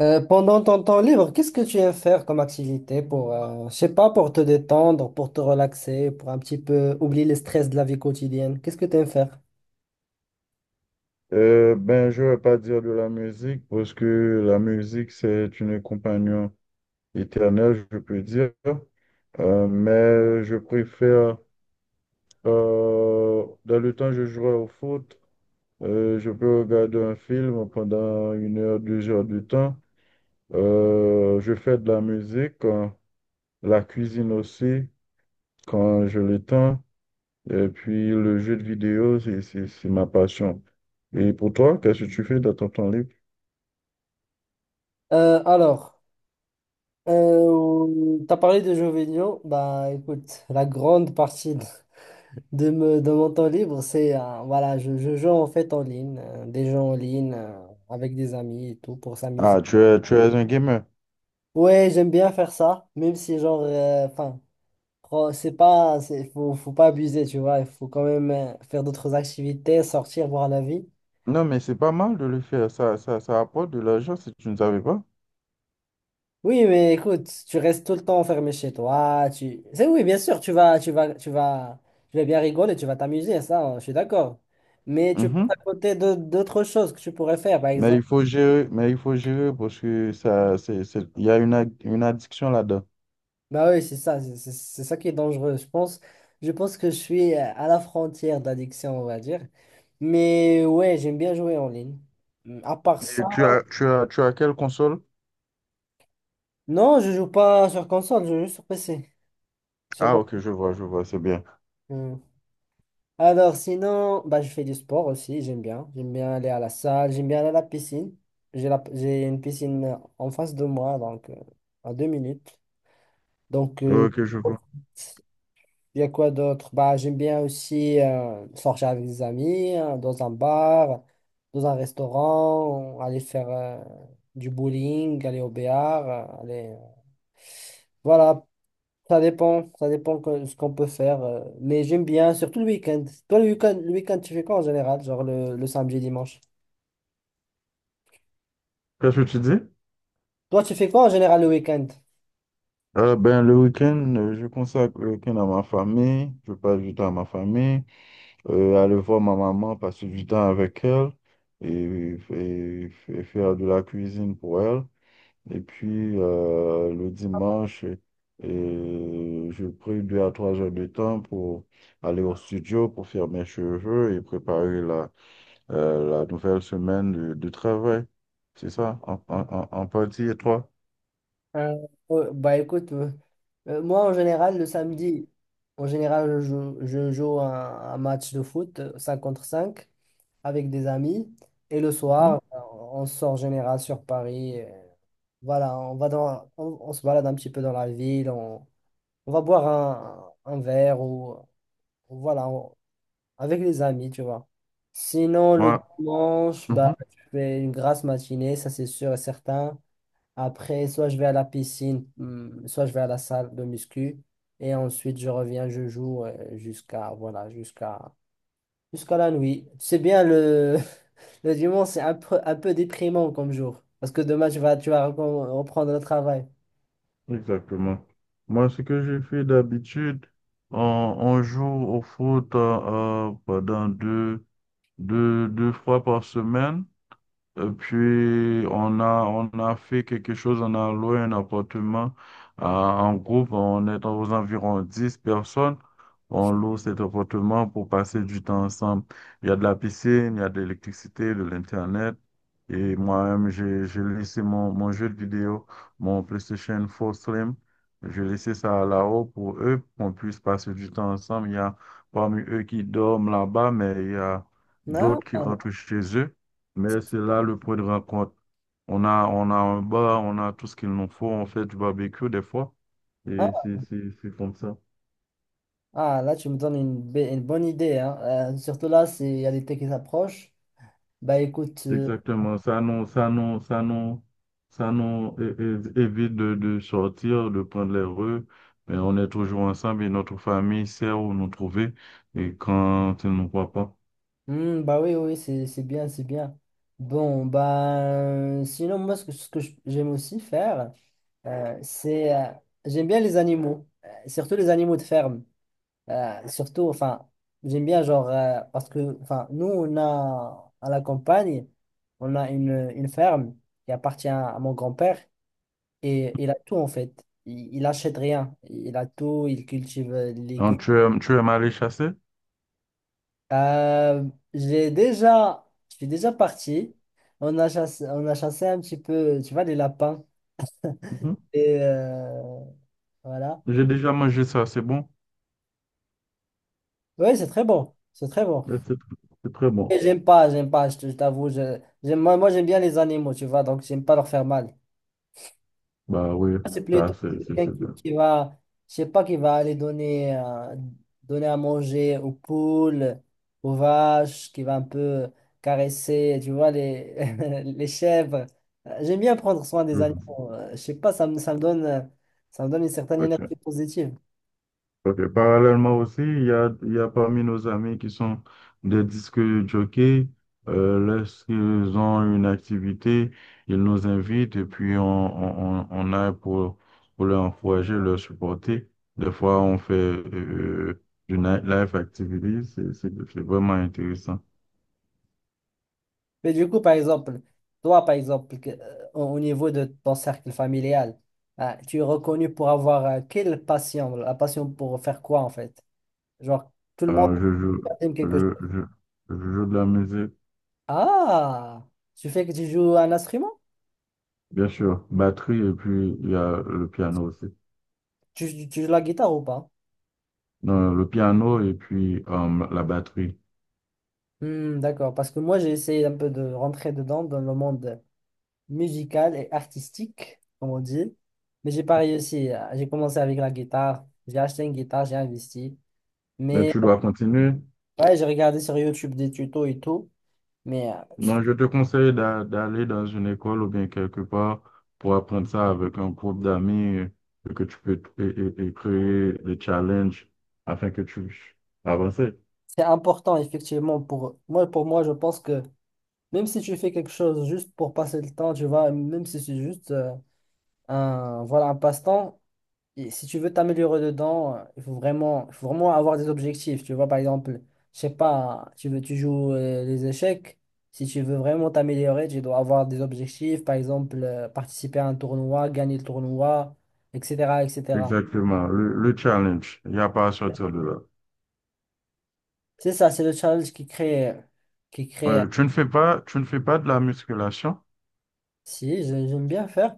Pendant ton temps libre, qu'est-ce que tu aimes faire comme activité pour, je sais pas, pour te détendre, pour te relaxer, pour un petit peu oublier le stress de la vie quotidienne? Qu'est-ce que tu aimes faire? Je vais pas dire de la musique parce que la musique, c'est une compagnon éternelle, je peux dire. Mais je préfère, dans le temps, je jouais au foot. Je peux regarder un film pendant une heure, deux heures de temps. Je fais de la musique, la cuisine aussi, quand je le temps. Et puis, le jeu de vidéo, c'est ma passion. Et pour toi, qu'est-ce que tu fais dans ton temps libre? Alors, tu as parlé de jeux vidéo. Bah, écoute, la grande partie de mon temps libre, c'est, voilà, je joue en fait en ligne, des jeux en ligne, avec des amis et tout, pour Ah, s'amuser. Tu es un gamer. Ouais, j'aime bien faire ça, même si genre, enfin, c'est pas, c'est, faut pas abuser, tu vois. Il faut quand même faire d'autres activités, sortir, voir la vie. Non, mais c'est pas mal de le faire. Ça apporte de l'argent si tu ne savais pas. Oui, mais écoute, tu restes tout le temps enfermé chez toi. Tu... C'est oui, bien sûr, tu vas bien rigoler, tu vas t'amuser, ça, je suis d'accord. Mais tu passes Mhm. à côté d'autres choses que tu pourrais faire, par Mais exemple. il faut gérer, mais il faut gérer parce que il y a une, une addiction là-dedans. Bah oui, c'est ça, c'est ça qui est dangereux. Je pense que je suis à la frontière d'addiction, on va dire. Mais ouais, j'aime bien jouer en ligne. À part ça. Et tu as quelle console? Non, je joue pas sur console, je joue sur PC. Sur Ah, mon- ok, je vois, c'est bien. Hmm. Alors sinon, bah, je fais du sport aussi, j'aime bien. J'aime bien aller à la salle, j'aime bien aller à la piscine. J'ai la... j'ai une piscine en face de moi, donc à deux minutes. Donc, Ok, je vois. il y a quoi d'autre? Bah, j'aime bien aussi sortir avec des amis, dans un bar, dans un restaurant, aller faire du bowling, aller au béar, aller... voilà, ça dépend, ce qu'on peut faire. Mais j'aime bien, surtout le week-end. Toi, le week-end, tu fais quoi en général? Genre le samedi, dimanche. Qu'est-ce que tu dis? Toi, tu fais quoi en général le week-end? Le week-end, je consacre le week-end à ma famille, je passe du temps à ma famille, aller voir ma maman, passer du temps avec elle et faire de la cuisine pour elle. Et puis le dimanche, je prie deux à trois heures de temps pour aller au studio pour faire mes cheveux et préparer la, la nouvelle semaine de travail. C'est ça, en partie, et toi? Euh, bah écoute, moi en général, en général, je joue un match de foot, 5 contre 5 avec des amis. Et le soir, Mhm. On sort en général sur Paris. Voilà, on va dans, on se balade un petit peu dans la ville. On va boire un verre ou voilà. on- avec les amis, tu vois. Sinon, le Ouais. dimanche, bah, je fais une grasse matinée, ça c'est sûr et certain. Après, soit je vais à la piscine, soit je vais à la salle de muscu. Et ensuite, je reviens, je joue jusqu'à voilà, jusqu'à la nuit. C'est bien le, le dimanche, c'est un peu déprimant comme jour. Parce que demain, reprendre le travail. Exactement. Moi, ce que je fais d'habitude, on, on joue au foot pendant deux fois par semaine. Et puis, on a fait quelque chose, on a loué un appartement en groupe, on est aux environs 10 personnes. On loue cet appartement pour passer du temps ensemble. Il y a de la piscine, il y a de l'électricité, de l'Internet. Et moi-même, j'ai laissé mon jeu de vidéo, mon PlayStation 4 Slim. J'ai laissé ça là-haut pour eux, pour qu'on puisse passer du temps ensemble. Il y a parmi eux qui dorment là-bas, mais il y a Non? d'autres qui rentrent chez eux. Mais c'est là le point de rencontre. On a un bar, on a tout ce qu'il nous faut. On fait du barbecue des fois. Et Ah, c'est comme ça. ah, là, tu me donnes une bonne idée, hein. Surtout là, c'est- il y a l'été qui s'approche. Bah écoute. Exactement. Ça nous évite de sortir, de prendre les rues. Mais on est toujours ensemble et notre famille sait où nous trouver et quand ils ne nous voient pas. Hmm, bah oui, oui, c'est bien. Bon, bah, sinon, moi, j'aime aussi faire, c'est, j'aime bien les animaux, surtout les animaux de ferme. Surtout, enfin, j'aime bien, genre, parce que, enfin, nous, on a, à la campagne, on a une ferme qui appartient à mon grand-père et il a tout, en fait. Il achète rien. Il a tout, il cultive les légumes. Donc, tu aimes aller chasser? Euh, j'ai déjà, je suis déjà parti. On a chassé un petit peu, tu vois, les lapins. Mhm. Et voilà. J'ai déjà mangé ça, c'est bon? Oui, c'est très bon. C'est très bon. Mais C'est c'est très bon. Et j'aime pas, je t'avoue. Moi j'aime bien les animaux, tu vois, donc j'aime pas leur faire mal. Bah oui, Ah, c'est ça, plutôt quelqu'un c'est bien. qui va, je sais pas, qui va aller donner, donner à manger aux poules, aux vaches, qui va un peu caresser, tu vois, les, les chèvres. J'aime bien prendre soin des Mhm. animaux. Je sais pas, ça me donne une certaine Ok. énergie positive. Ok. Parallèlement aussi, il y a parmi nos amis qui sont des disques jockeys. Lorsqu'ils ont une activité, ils nous invitent et puis on aille pour les encourager, leur supporter. Des fois, on fait du nightlife activity. C'est vraiment intéressant. Mais du coup, par exemple, toi, par exemple, que- au niveau de ton cercle familial, tu es reconnu pour avoir quelle passion? La passion pour faire quoi, en fait? Genre, tout le monde Alors, aime quelque je, chose. je, je joue de la musique, Ah, tu fais que tu joues un instrument? bien sûr, batterie, et puis il y a le piano aussi. Tu joues la guitare ou pas? Non, le piano et puis la batterie. Hmm, d'accord, parce que moi j'ai essayé un peu de rentrer dedans dans le monde musical et artistique, comme on dit, mais j'ai pas réussi. J'ai commencé avec la guitare, j'ai acheté une guitare, j'ai investi, Mais mais tu dois continuer. Ouais, j'ai regardé sur YouTube des tutos et tout, mais je trouve Non, je te que conseille d'aller dans une école ou bien quelque part pour apprendre ça avec un groupe d'amis et que tu peux et créer des challenges afin que tu puisses avancer. c'est important effectivement pour moi. Pour moi, je pense que même si tu fais quelque chose juste pour passer le temps, tu vois, même si c'est juste un voilà un passe-temps. Et si tu veux t'améliorer dedans, il faut vraiment avoir des objectifs. Tu vois, par exemple, je sais pas, tu joues les échecs. Si tu veux vraiment t'améliorer, tu dois avoir des objectifs. Par exemple, participer à un tournoi, gagner le tournoi, etc., etc. Exactement, le challenge. Il n'y a pas à sortir de là. C'est ça, c'est le challenge qui crée. Ouais, tu ne fais pas de la musculation? Si, j'aime bien faire.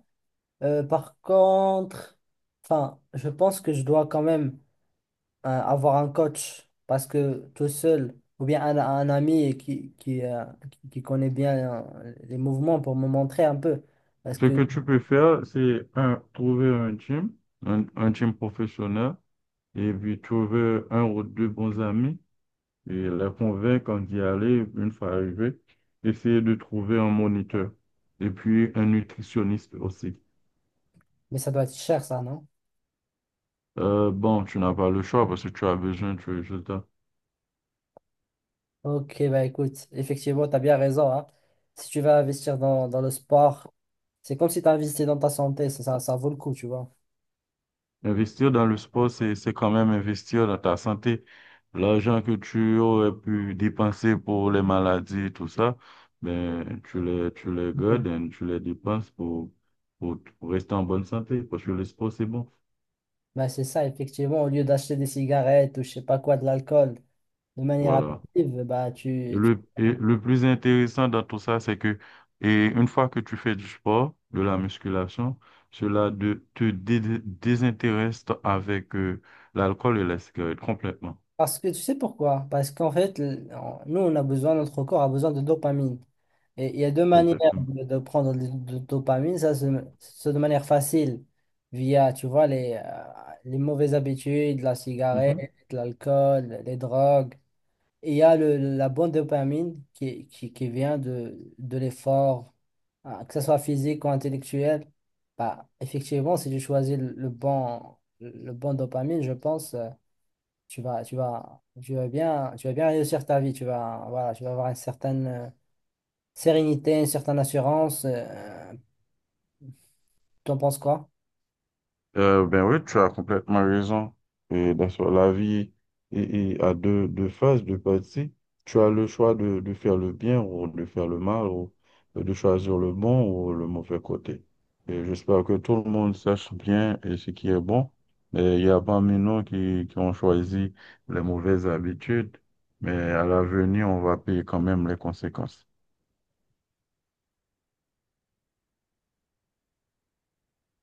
Par contre, enfin, je pense que je dois quand même avoir un coach parce que tout seul, ou bien un ami qui, qui connaît bien les mouvements pour me montrer un peu. Parce Ce que, que tu peux faire, c'est un, trouver un gym, un gym professionnel, et puis trouver un ou deux bons amis et les convaincre d'y aller une fois arrivé. Essayer de trouver un moniteur et puis un nutritionniste aussi. mais ça doit être cher, ça, non? Tu n'as pas le choix parce que tu as besoin de résultats. Ok, bah écoute, effectivement, tu as bien raison, hein. Si tu vas investir dans, dans le sport, c'est comme si tu investis dans ta santé, ça vaut le coup, tu vois. Investir dans le sport, c'est quand même investir dans ta santé. L'argent que tu aurais pu dépenser pour les maladies et tout ça, ben, tu les Mhm. gardes et tu les dépenses pour, pour rester en bonne santé, parce que le sport, c'est bon. Bah, c'est ça, effectivement, au lieu d'acheter des cigarettes ou je sais pas quoi, de l'alcool, de manière Voilà. active, bah, tu, Et le plus intéressant dans tout ça, c'est que, et une fois que tu fais du sport, de la musculation, te désintéresse avec l'alcool et la cigarette complètement. Parce que tu sais pourquoi? Parce qu'en fait, nous, on a besoin, notre corps a besoin de dopamine. Et il y a deux manières Exactement. De prendre de dopamine. Ça, c'est de manière facile, via, tu vois, les mauvaises habitudes, la cigarette, l'alcool, les drogues. Et il y a la bonne dopamine qui vient de l'effort, hein, que ce soit physique ou intellectuel. Bah, effectivement, si tu choisis le bon dopamine, je pense. Tu vas bien réussir ta vie. Tu vas, voilà, tu vas avoir une certaine sérénité, une certaine assurance. T'en penses quoi? Ben oui, tu as complètement raison. Et dans la vie et a deux phases, deux parties. Tu as le choix de faire le bien ou de faire le mal ou de choisir le bon ou le mauvais côté. Et j'espère que tout le monde sache bien et ce qui est bon. Et il y a parmi nous qui ont choisi les mauvaises habitudes, mais à l'avenir, on va payer quand même les conséquences.